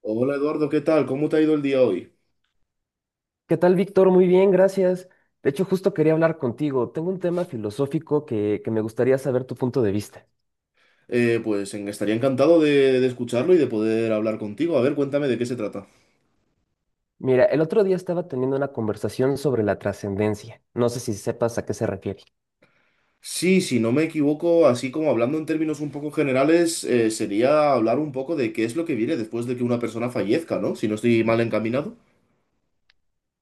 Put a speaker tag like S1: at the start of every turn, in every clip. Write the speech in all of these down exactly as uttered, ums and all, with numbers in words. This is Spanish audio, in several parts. S1: Hola Eduardo, ¿qué tal? ¿Cómo te ha ido el día hoy?
S2: ¿Qué tal, Víctor? Muy bien, gracias. De hecho, justo quería hablar contigo. Tengo un tema filosófico que, que me gustaría saber tu punto de vista.
S1: Eh, pues en- estaría encantado de, de escucharlo y de poder hablar contigo. A ver, cuéntame de qué se trata.
S2: Mira, el otro día estaba teniendo una conversación sobre la trascendencia. No sé si sepas a qué se refiere.
S1: Sí, si no me equivoco, así como hablando en términos un poco generales, eh, sería hablar un poco de qué es lo que viene después de que una persona fallezca, ¿no? Si no estoy mal encaminado.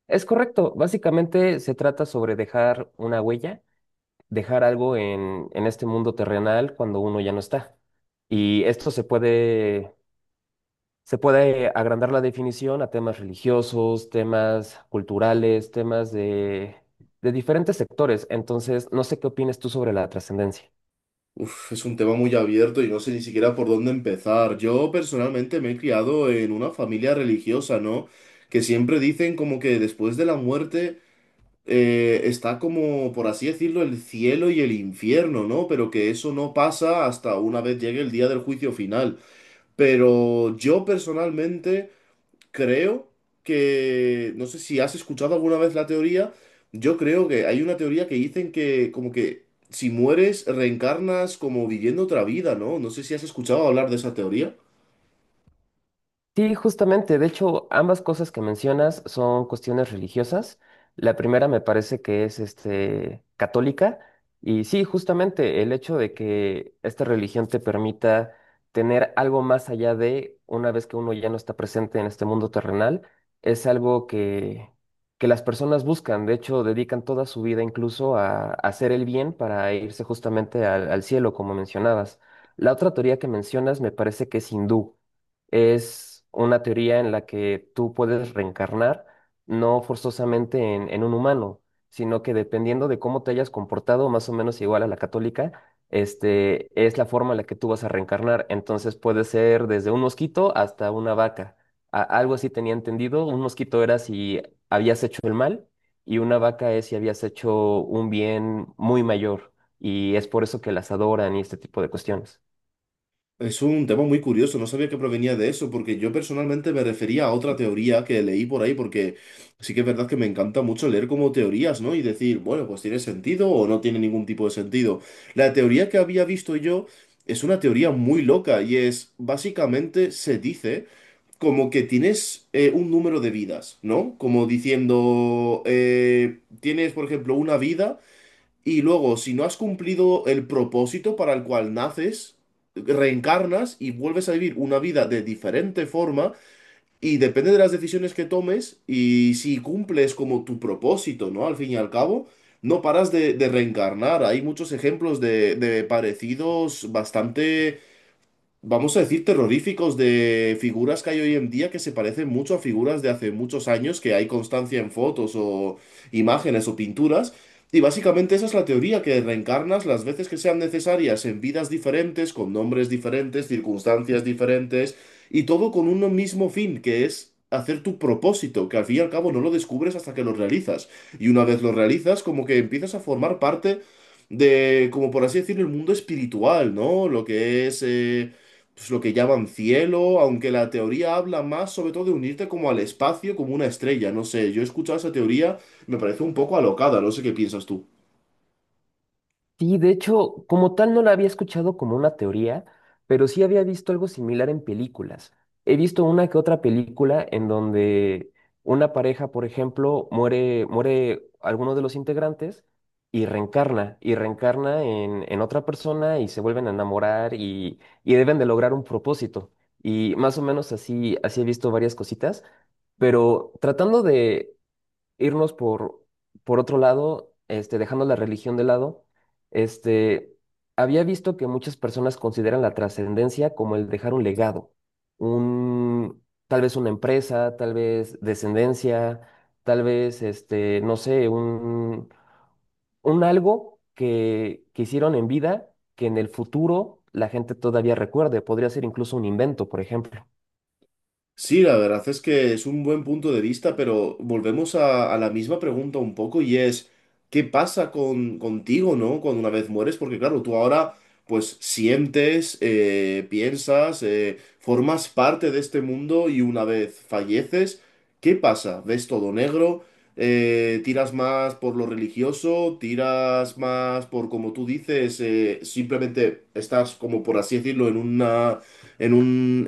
S2: Es correcto, básicamente se trata sobre dejar una huella, dejar algo en, en este mundo terrenal cuando uno ya no está. Y esto se puede Se puede agrandar la definición a temas religiosos, temas culturales, temas de, de diferentes sectores. Entonces, no sé qué opinas tú sobre la trascendencia.
S1: Uf, es un tema muy abierto y no sé ni siquiera por dónde empezar. Yo personalmente me he criado en una familia religiosa, ¿no? Que siempre dicen como que después de la muerte eh, está como, por así decirlo, el cielo y el infierno, ¿no? Pero que eso no pasa hasta una vez llegue el día del juicio final. Pero yo personalmente creo que, no sé si has escuchado alguna vez la teoría, yo creo que hay una teoría que dicen que como que si mueres reencarnas como viviendo otra vida, ¿no? No sé si has escuchado hablar de esa teoría.
S2: Sí, justamente. De hecho, ambas cosas que mencionas son cuestiones religiosas. La primera me parece que es este, católica. Y sí, justamente el hecho de que esta religión te permita tener algo más allá de una vez que uno ya no está presente en este mundo terrenal, es algo que, que las personas buscan. De hecho, dedican toda su vida incluso a, a hacer el bien para irse justamente al al cielo, como mencionabas. La otra teoría que mencionas me parece que es hindú, es una teoría en la que tú puedes reencarnar, no forzosamente en, en un humano, sino que dependiendo de cómo te hayas comportado, más o menos igual a la católica, este, es la forma en la que tú vas a reencarnar. Entonces puede ser desde un mosquito hasta una vaca. A- algo así tenía entendido. Un mosquito era si habías hecho el mal y una vaca es si habías hecho un bien muy mayor. Y es por eso que las adoran y este tipo de cuestiones.
S1: Es un tema muy curioso, no sabía que provenía de eso, porque yo personalmente me refería a otra teoría que leí por ahí, porque sí que es verdad que me encanta mucho leer como teorías, ¿no? Y decir, bueno, pues tiene sentido o no tiene ningún tipo de sentido. La teoría que había visto yo es una teoría muy loca y es, básicamente, se dice como que tienes eh, un número de vidas, ¿no? Como diciendo, eh, tienes, por ejemplo, una vida. Y luego, si no has cumplido el propósito para el cual naces, reencarnas y vuelves a vivir una vida de diferente forma y depende de las decisiones que tomes y si cumples como tu propósito, ¿no? Al fin y al cabo, no paras de, de reencarnar. Hay muchos ejemplos de, de parecidos bastante, vamos a decir, terroríficos de figuras que hay hoy en día que se parecen mucho a figuras de hace muchos años, que hay constancia en fotos o imágenes o pinturas. Y básicamente esa es la teoría, que reencarnas las veces que sean necesarias en vidas diferentes, con nombres diferentes, circunstancias diferentes, y todo con uno mismo fin, que es hacer tu propósito, que al fin y al cabo no lo descubres hasta que lo realizas. Y una vez lo realizas, como que empiezas a formar parte de, como por así decirlo, el mundo espiritual, ¿no? Lo que es eh, pues, lo que llaman cielo, aunque la teoría habla más sobre todo de unirte como al espacio, como una estrella, no sé, yo he escuchado esa teoría, me parece un poco alocada, no sé qué piensas tú.
S2: Sí, de hecho, como tal no la había escuchado como una teoría, pero sí había visto algo similar en películas. He visto una que otra película en donde una pareja, por ejemplo, muere, muere alguno de los integrantes y reencarna, y reencarna en, en otra persona y se vuelven a enamorar y, y deben de lograr un propósito. Y más o menos así, así he visto varias cositas, pero tratando irnos por, por otro lado, este, dejando la religión de lado, este, había visto que muchas personas consideran la trascendencia como el dejar un legado, un, tal vez una empresa, tal vez descendencia, tal vez, este, no sé, un, un algo que, que hicieron en vida que en el futuro la gente todavía recuerde. Podría ser incluso un invento, por ejemplo.
S1: Sí, la verdad es que es un buen punto de vista, pero volvemos a, a la misma pregunta un poco y es, ¿qué pasa con, contigo, ¿no? Cuando una vez mueres, porque claro, tú ahora pues sientes, eh, piensas, eh, formas parte de este mundo y una vez falleces, ¿qué pasa? ¿Ves todo negro? Eh, ¿tiras más por lo religioso? ¿Tiras más por, como tú dices, eh, simplemente estás como por así decirlo en una en un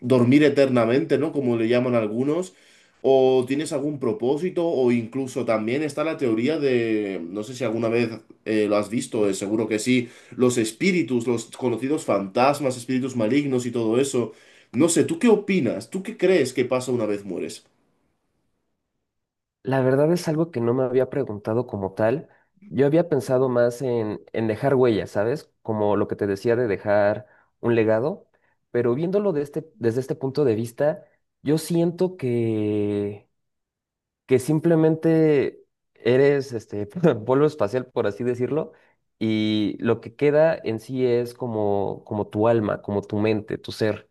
S1: dormir eternamente, ¿no? Como le llaman algunos, o tienes algún propósito, o incluso también está la teoría de, no sé si alguna vez eh, lo has visto, eh, seguro que sí, los espíritus, los conocidos fantasmas, espíritus malignos y todo eso. No sé, ¿tú qué opinas? ¿Tú qué crees que pasa una vez mueres?
S2: La verdad es algo que no me había preguntado como tal. Yo había pensado más en, en dejar huellas, ¿sabes? Como lo que te decía de dejar un legado, pero viéndolo de este- desde este punto de vista, yo siento que, que simplemente eres este polvo espacial, por así decirlo, y lo que queda en sí es como, como tu alma, como tu mente, tu ser.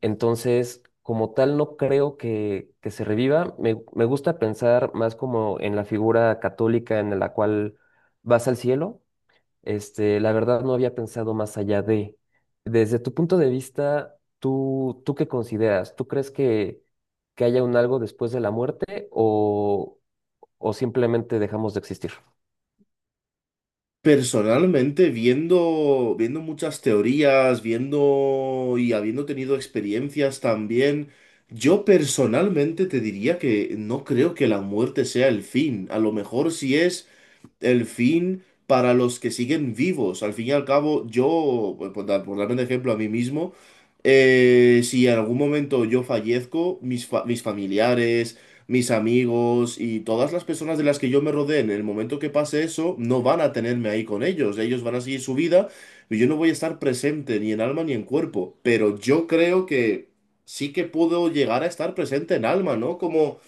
S2: Entonces, como tal, no creo que, que se reviva. Me, me gusta pensar más como en la figura católica en la cual vas al cielo. Este, la verdad no había pensado más allá de. Desde tu punto de vista, ¿tú, tú qué consideras? ¿Tú crees que, que haya un algo después de la muerte o, o simplemente dejamos de existir?
S1: Personalmente, viendo, viendo muchas teorías, viendo y habiendo tenido experiencias también, yo personalmente te diría que no creo que la muerte sea el fin. A lo mejor si es el fin para los que siguen vivos. Al fin y al cabo, yo, por dar, por darme un ejemplo a mí mismo, eh, si en algún momento yo fallezco, mis, fa- mis familiares, mis amigos y todas las personas de las que yo me rodee en el momento que pase eso, no van a tenerme ahí con ellos. Ellos van a seguir su vida y yo no voy a estar presente ni en alma ni en cuerpo. Pero yo creo que sí que puedo llegar a estar presente en alma, ¿no? Como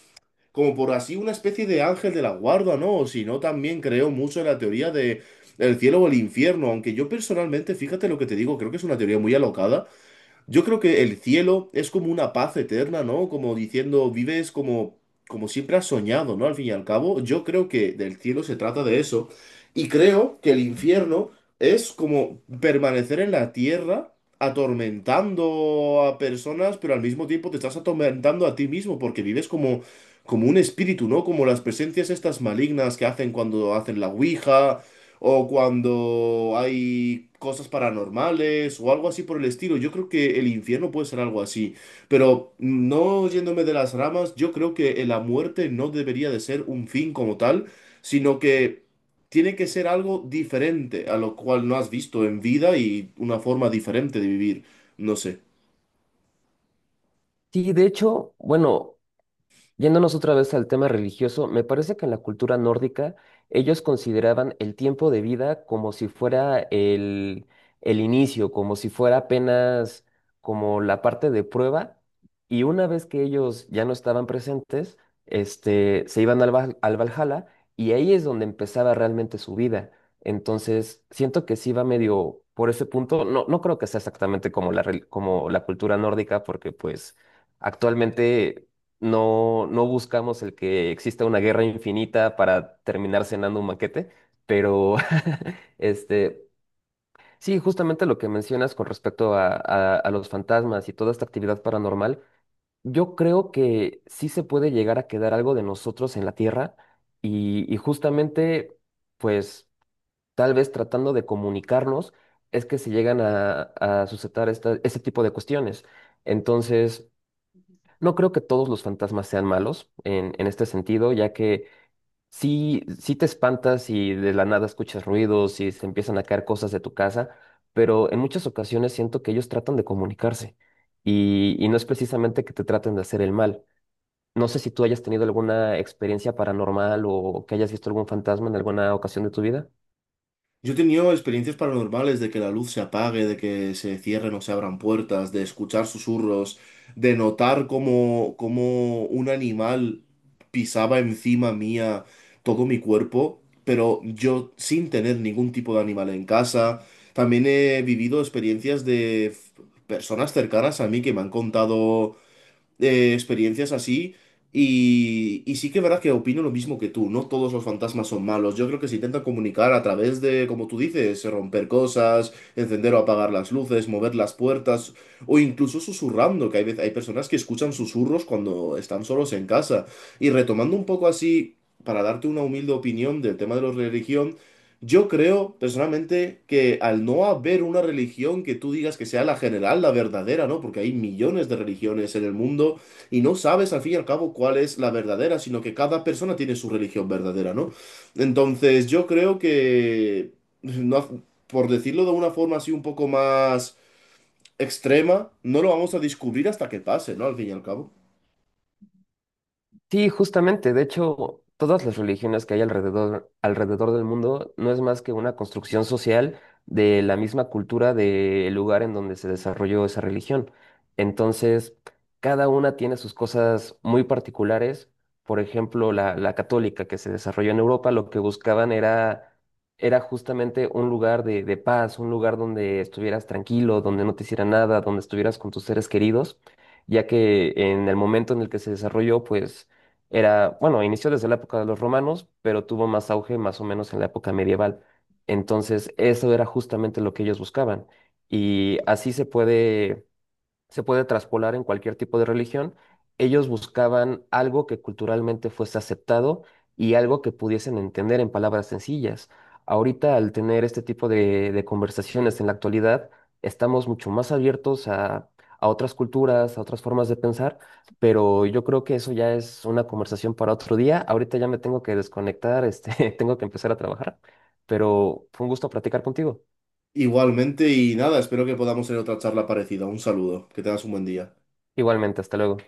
S1: como por así una especie de ángel de la guarda, ¿no? O si no, también creo mucho en la teoría de el cielo o el infierno, aunque yo personalmente, fíjate lo que te digo, creo que es una teoría muy alocada, yo creo que el cielo es como una paz eterna, ¿no? Como diciendo, vives como, como siempre has soñado, ¿no? Al fin y al cabo, yo creo que del cielo se trata de eso. Y creo que el infierno es como permanecer en la tierra atormentando a personas, pero al mismo tiempo te estás atormentando a ti mismo porque vives como, como un espíritu, ¿no? Como las presencias estas malignas que hacen cuando hacen la ouija o cuando hay cosas paranormales o algo así por el estilo. Yo creo que el infierno puede ser algo así, pero no yéndome de las ramas, yo creo que la muerte no debería de ser un fin como tal, sino que tiene que ser algo diferente a lo cual no has visto en vida y una forma diferente de vivir. No sé.
S2: Sí, de hecho, bueno. Yéndonos otra vez al tema religioso, me parece que en la cultura nórdica ellos consideraban el tiempo de vida como si fuera el, el inicio, como si fuera apenas como la parte de prueba, y una vez que ellos ya no estaban presentes, este, se iban al, Val- al Valhalla y ahí es donde empezaba realmente su vida. Entonces, siento que sí va medio por ese punto. No, no creo que sea exactamente como la, rel- como la cultura nórdica, porque pues... Actualmente no, no buscamos el que exista una guerra infinita para terminar cenando un banquete, pero este, sí, justamente lo que mencionas con respecto a, a- a los fantasmas y toda esta actividad paranormal, yo creo que sí se puede llegar a quedar algo de nosotros en la Tierra y, y justamente, pues, tal vez tratando de comunicarnos es que se llegan a, a suscitar esta- este tipo de cuestiones. Entonces... No creo que todos los fantasmas sean malos en, en este sentido, ya que sí, sí te espantas y de la nada escuchas ruidos y se empiezan a caer cosas de tu casa, pero en muchas ocasiones siento que ellos tratan de comunicarse y, y no es precisamente que te traten de hacer el mal. No sé si tú hayas tenido alguna experiencia paranormal o que hayas visto algún fantasma en alguna ocasión de tu vida.
S1: Yo he tenido experiencias paranormales de que la luz se apague, de que se cierren o se abran puertas, de escuchar susurros, de notar cómo cómo un animal pisaba encima mía todo mi cuerpo, pero yo sin tener ningún tipo de animal en casa. También he vivido experiencias de f- personas cercanas a mí que me han contado eh, experiencias así. Y, y sí que es verdad que opino lo mismo que tú, no todos los fantasmas son malos. Yo creo que se intentan comunicar a través de, como tú dices, romper cosas, encender o apagar las luces, mover las puertas o incluso susurrando, que hay veces, hay personas que escuchan susurros cuando están solos en casa. Y retomando un poco así, para darte una humilde opinión del tema de la religión, yo creo personalmente que al no haber una religión que tú digas que sea la general, la verdadera, ¿no? Porque hay millones de religiones en el mundo y no sabes al fin y al cabo cuál es la verdadera, sino que cada persona tiene su religión verdadera, ¿no? Entonces yo creo que, no, ha- por decirlo de una forma así un poco más extrema, no lo vamos a descubrir hasta que pase, ¿no? Al fin y al cabo.
S2: Sí, justamente. De hecho, todas las religiones que hay alrededor, alrededor del mundo no es más que una construcción social de la misma cultura del lugar en donde se desarrolló esa religión. Entonces, cada una tiene sus cosas muy particulares. Por ejemplo, la, la católica que se desarrolló en Europa, lo que buscaban era, era justamente un lugar de, de paz, un lugar donde estuvieras tranquilo, donde no te hiciera nada, donde estuvieras con tus seres queridos, ya que en el momento en el que se desarrolló, pues era, bueno, inició desde la época de los romanos, pero tuvo más auge más o menos en la época medieval. Entonces, eso era justamente lo que ellos buscaban. Y así se puede Se puede traspolar en cualquier tipo de religión. Ellos buscaban algo que culturalmente fuese aceptado y algo que pudiesen entender en palabras sencillas. Ahorita, al tener este tipo de, de conversaciones en la actualidad, estamos mucho más abiertos a, a otras culturas, a otras formas de pensar, pero yo creo que eso ya es una conversación para otro día. Ahorita ya me tengo que desconectar, este, tengo que empezar a trabajar, pero fue un gusto platicar contigo.
S1: Igualmente y nada, espero que podamos tener otra charla parecida. Un saludo, que tengas un buen día.
S2: Igualmente, hasta luego.